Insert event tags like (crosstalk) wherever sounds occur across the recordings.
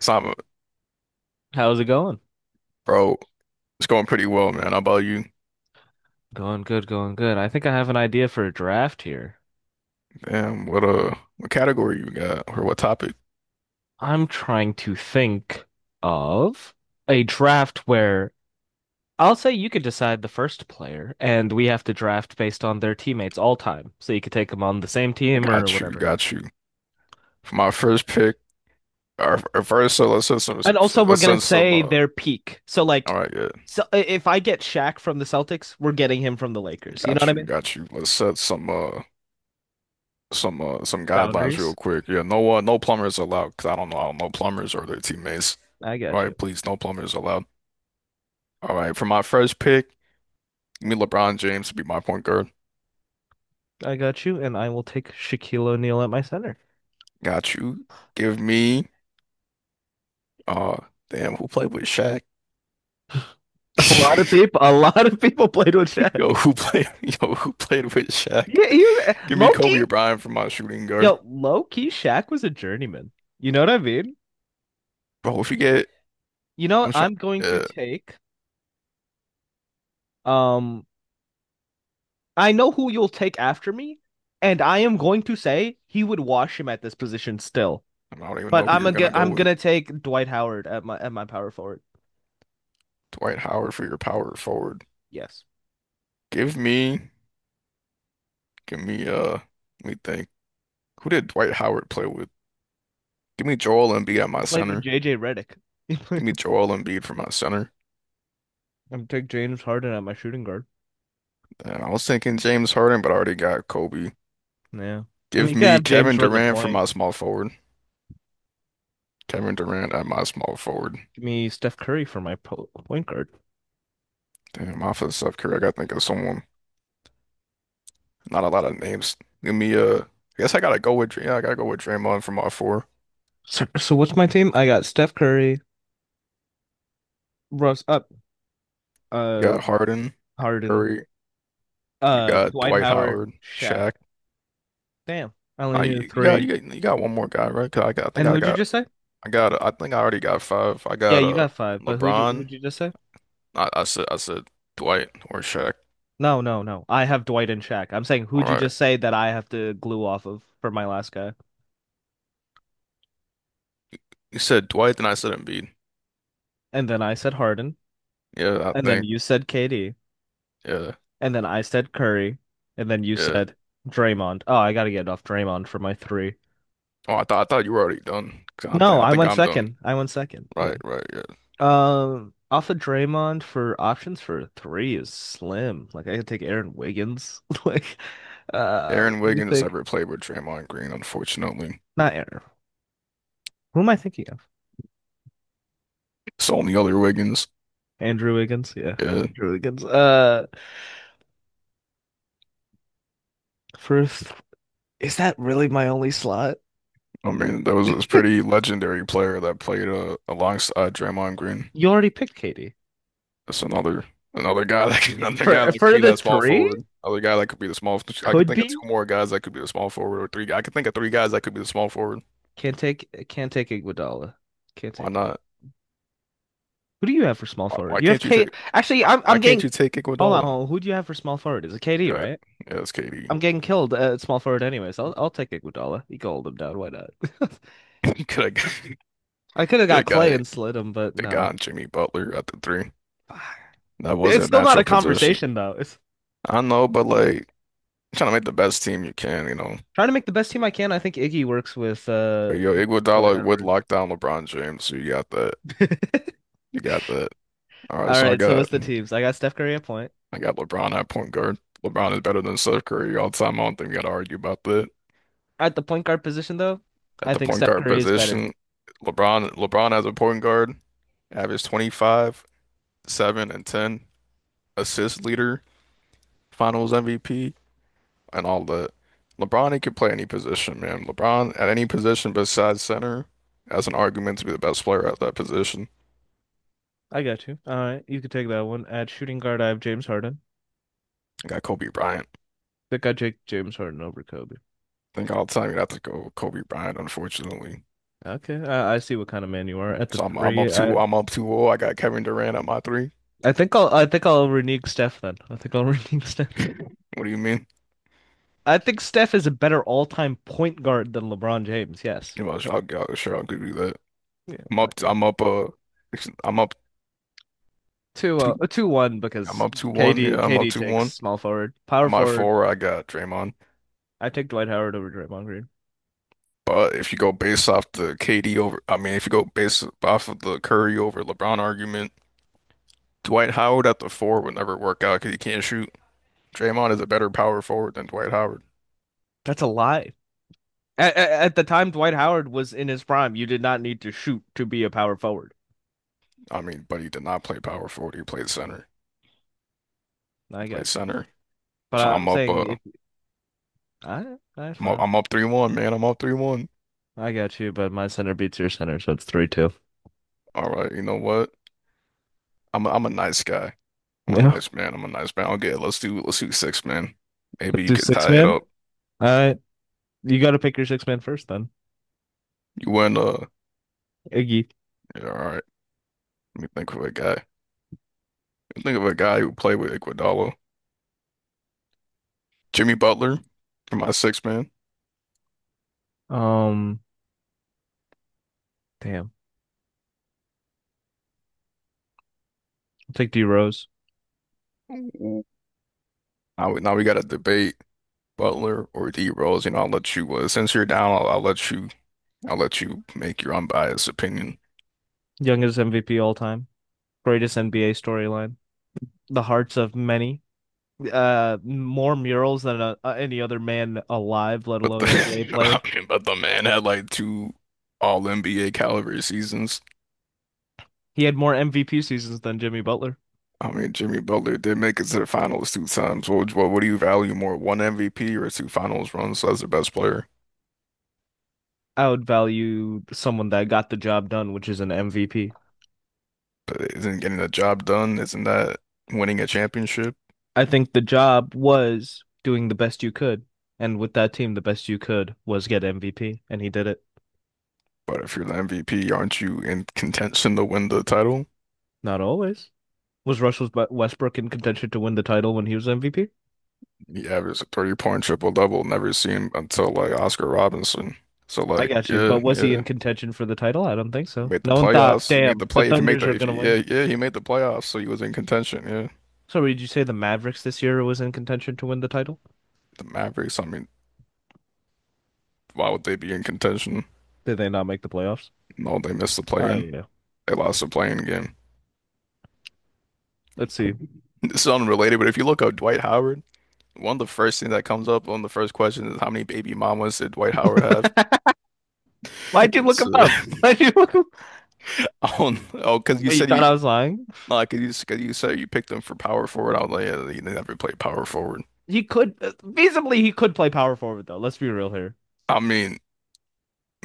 So I'm, How's it going? Bro, it's going pretty well, man. How about you? Going good, going good. I think I have an idea for a draft here. Damn, what category you got or what topic? I'm trying to think of a draft where I'll say you could decide the first player, and we have to draft based on their teammates all time. So you could take them on the same team or Got you, whatever. got you. For my first pick, or first, so let's set some, And so also, we're let's gonna send some. say Uh, their peak. So, like, all right, yeah, so if I get Shaq from the Celtics, we're getting him from the Lakers. You know what got I you, mean? got you. Let's set some guidelines real Boundaries. quick. Yeah, no plumbers allowed. Cause I don't know plumbers or their teammates. I All got you. right, please, no plumbers allowed. All right, for my first pick, give me LeBron James to be my point guard. I got you, and I will take Shaquille O'Neal at my center. Got you. Give me, uh, damn, who played with Shaq? A lot of (laughs) people, a lot of people played with Shaq. Yo, who played? Yo, who played with Shaq? Yeah, he was, Give me Loki. Kobe or Bryant for my shooting guard, Yo, low key, Shaq was a journeyman. You know what I mean? bro. If you get, I'm trying. I'm going to Uh, take. Um, I know who you'll take after me, and I am going to say he would wash him at this position still. I don't even But know who I'm you're gonna, gonna go I'm with. gonna take Dwight Howard at my power forward. Dwight Howard for your power forward. Yes, Give me, give me, let me think. Who did Dwight Howard play with? Give me Joel Embiid at he my played with center. JJ Redick. Give me (laughs) Joel Embiid for my center. I'm take James Harden at my shooting guard. And I was thinking James Harden, but I already got Kobe. Yeah, I mean you Give could me have James Kevin run the Durant for point. my small forward. Kevin Durant at my small forward. Give me Steph Curry for my point guard. Damn, off of Steph Curry, I gotta think of someone. Not a lot of names. Give me I guess I gotta go with yeah, I gotta go with Draymond from all four. So what's my team? I got Steph Curry, Russ up, You uh, got Harden, Harden, Curry, you got Dwight Dwight Howard, Howard, Shaq. Shaq. Damn, I only Uh, needed you, you got three. you got you got one more guy, right? 'Cause I got, I think And I who'd you got just say? I got I think I already got five. I Yeah, got you uh got five. But who'd you LeBron. who'd you just say? I said Dwight or Shaq. No, no, no. I have Dwight and Shaq. I'm saying All who'd you right, just say that I have to glue off of for my last guy? you said Dwight, then I said Embiid. And then I said Harden, Yeah, I and then think, you said KD, yeah and then I said Curry, and then you yeah. said Draymond. Oh, I gotta get off Draymond for my three. Oh, I thought you were already done. 'Cause I No, think I I think went I'm done. second. I went second. Yeah. Right, right, yeah. Off of Draymond for options for three is slim. Like I could take Aaron Wiggins. (laughs) Like, Aaron let me Wiggins think. never played with Draymond Green, unfortunately. Not Aaron. Who am I thinking of? It's the other Wiggins. Andrew Wiggins. Yeah, Yeah, Andrew Wiggins. First, is that really my only slot? I mean that was a pretty legendary player that played alongside Draymond Green. You already picked Katie That's another guy that could, (laughs) another guy for that could for be the that small three. forward. Another guy that could be the small. I could Could think of be. two more guys that could be the small forward, or three. I could think of three guys that could be the small forward. Can't take. Can't take Iguodala. Can't Why take it. not? Who do you have for small Why, forward? why You have can't you take? Kate. Actually, Why, I'm why I'm can't getting. you take Hold on, Iguodala? hold on. Who do you have for small forward? Is it KD, Yeah, right? yeah, it's KD. I'm getting killed at small forward anyways. I'll take Iguodala. He can hold him down. Why not? Get a guy- (laughs) I could have get got a Clay guy, and slid him, but (laughs) the guy no. on (laughs) Jimmy Butler at the three. That was It's a still not natural a position. conversation though. It's I know, but like trying to make the best team you can, you know. trying to make the best team I can. I think Iggy works with But yo, Dwight Iguodala would Howard. lock down LeBron James, so you got that. (laughs) All You got that. All right, so I right, so got what's the teams? I got Steph Curry at point. I got LeBron at point guard. LeBron is better than Steph Curry all the time. I don't think we gotta argue about that. At the point guard position though, At I the think point Steph guard Curry is better. position, LeBron as a point guard, averaged 25, 7, and 10, assist leader, finals MVP, and all that. LeBron, he could play any position, man. LeBron at any position besides center, that's an argument to be the best player at that position. I got you. All right, you can take that one. At shooting guard, I have James Harden. You got Kobe Bryant. I think I take James Harden over Kobe. Think all the time you'd have to go Kobe Bryant, unfortunately. Okay, I see what kind of man you are. At the So I'm I'm up three, I two I'm up 2-0. I got Kevin Durant at my three. (laughs) I think I'll I think I'll renege Steph then. I think I'll (laughs) renege Steph. What do you mean? I think Steph is a better all-time point guard than LeBron James. Yes. You know, sure I could do that. Yeah, I'm I up agree. I'm up uh I'm up two 2-1 I'm because up 2-1. KD Yeah, I'm up KD two takes one. small forward, At power my forward. four, I got Draymond. I take Dwight Howard over Draymond Green. But if you go based off the KD over, I mean, if you go based off of the Curry over LeBron argument, Dwight Howard at the four would never work out because he can't shoot. Draymond is a better power forward than Dwight Howard. That's a lie. At the time Dwight Howard was in his prime, you did not need to shoot to be a power forward. I mean, but he did not play power forward. He played center. I Play got you, center. but So I'm I'm up uh saying if I that's I'm up, fine. I'm up 3-1, man. I'm up 3-1. I got you, but my center beats your center, so it's 3-2. All right, you know what? I'm a nice guy. I'm a Yeah. nice man. I'm a nice man. Okay, let's do six, man. Maybe Let's you do could six tie it man. up. I You got to pick your six-man first, then You win, Iggy. yeah, all right. Let me think of a guy. Think of a guy who played with Iguodala. Jimmy Butler for my six man. Um, Damn, I'll take D Rose, Ooh. Now we got to debate Butler or D Rose. You know, I'll let you since you're down, I'll let you make your unbiased opinion. youngest MVP all time, greatest NBA storyline, the hearts of many, more murals than any other man alive, let But the alone NBA (laughs) player. I mean, but the man had like two all NBA caliber seasons. He had more MVP seasons than Jimmy Butler. I mean, Jimmy Butler did make it to the finals two times. What do you value more, one MVP or two finals runs as the best player? I would value someone that got the job done, which is an MVP. But isn't getting the job done, isn't that winning a championship? I think the job was doing the best you could, and with that team, the best you could was get MVP, and he did it. But if you're the MVP, aren't you in contention to win the title? Not always. Was Russell Westbrook in contention to win the title when he was MVP? He averaged a 30 point triple double, never seen until like Oscar Robinson. So I like, got you. yeah, But was he yeah. in contention for the title? I don't think You so. made the No one thought, playoffs. You made damn, the the play. If you make Thunders the, are if gonna you, win. yeah, yeah, he made the playoffs, so he was in contention. Yeah, So did you say the Mavericks this year was in contention to win the title? the Mavericks. I mean, why would they be in contention? Did they not make the playoffs? No, they missed the Oh play-in. yeah. They lost the play-in game. (laughs) Let's see. It's unrelated, but if you look up Dwight Howard, one of the first things that comes up on the first question is how many baby mamas did Dwight Howard have? (laughs) (laughs) Why'd you look It's him up? (laughs) Why'd you look him up? (laughs) Oh, oh, because you Wait, you said thought you I was lying? like, 'cause you said you picked him for power forward. I was like, yeah, he never played power forward. He could feasibly he could play power forward though. Let's be real here. I mean,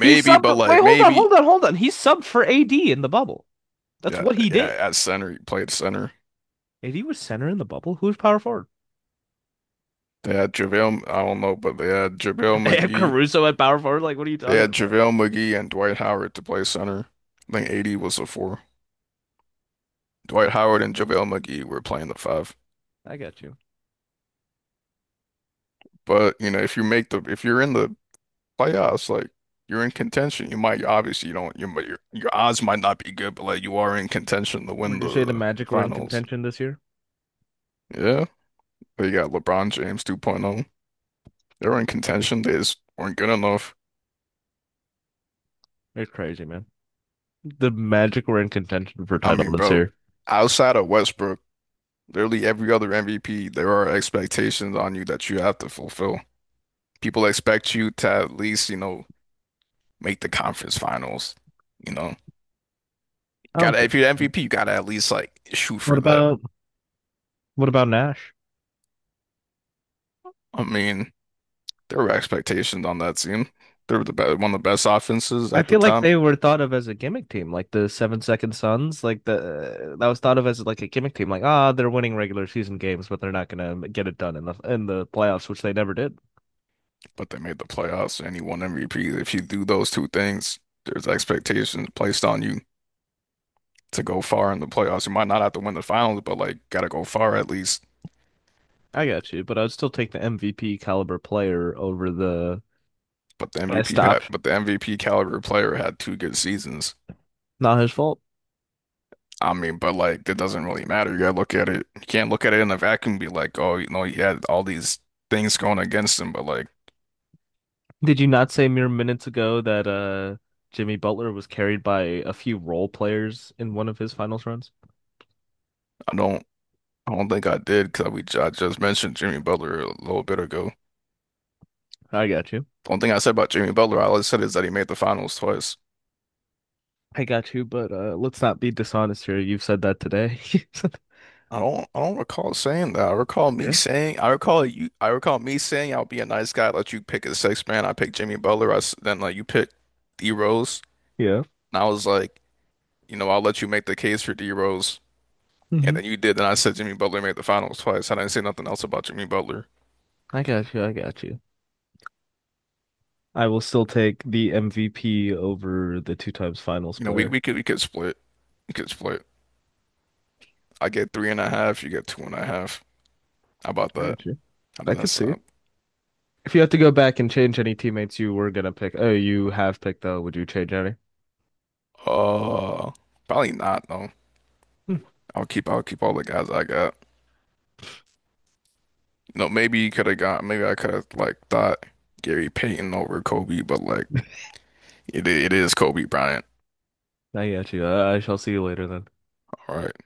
He but subbed. Wait, like hold on, maybe, hold on, hold on. He subbed for AD in the bubble. That's yeah, what he yeah, did. at center, he played center. AD was center in the bubble. Who's power forward? They had JaVale, I don't know, but they had JaVale They have McGee. Caruso at power forward. Like, what are you They talking had about? JaVale McGee and Dwight Howard to play center. I think 80 was the four. Dwight Howard and JaVale McGee were playing the five. I got you. But, you know, if you're in the playoffs, like you're in contention, you might obviously you don't you might- your odds might not be good, but like you are in contention to win Would you say the the Magic were in finals. contention this year? Yeah. They got LeBron James 2.0. They were in contention. They just weren't good enough. It's crazy, man. The Magic were in contention for I title mean, this bro, year. outside of Westbrook, literally every other MVP, there are expectations on you that you have to fulfill. People expect you to at least, make the conference finals. You know, I don't gotta think if you're the so. MVP, you gotta at least like shoot What for that. about what about Nash? I mean, there were expectations on that team. They were the best, one of the best offenses I at the feel like time, they were thought of as a gimmick team, like the Seven Second Suns, like the that was thought of as like a gimmick team, like ah, oh, they're winning regular season games, but they're not gonna get it done in the playoffs, which they never did. but they made the playoffs and he won MVP. If you do those two things, there's expectations placed on you to go far in the playoffs. You might not have to win the finals, but like gotta go far at least. I got you, but I'd still take the MVP caliber player over the But the MVP best had, option. but the MVP caliber player had two good seasons. Not his fault. I mean, but like that doesn't really matter. You gotta look at it. You can't look at it in a vacuum and be like, oh, you know, he had all these things going against him. But like, Did you not say mere minutes ago that Jimmy Butler was carried by a few role players in one of his finals runs? I don't, I don't think I did because we I just mentioned Jimmy Butler a little bit ago. I got you. The only thing I said about Jimmy Butler, all I said is that he made the finals twice. I got you, but let's not be dishonest here. You've said that today. (laughs) I don't recall saying that. Okay. I recall me saying, I'll be a nice guy, let you pick a sixth man. I picked Jimmy Butler. Then like you picked D Rose, Yeah. and I was like. You know, I'll let you make the case for D Rose. And Hmm. then you did. Then I said Jimmy Butler made the finals twice. And I didn't say nothing else about Jimmy Butler. I got you. I got you. I will still take the MVP over the two times finals You know, we, player. we could we could split. We could split. I get three and a half, you get two and a half. How about I that? got you. How I does that could see it. sound? If you had to go back and change any teammates you were gonna pick, oh, you have picked though, would you change any? Uh probably not though. Hmm. I'll keep all the guys I got. You know, maybe I could have like thought Gary Payton over Kobe, but like it is Kobe Bryant. I got you. I shall see you later then. All right.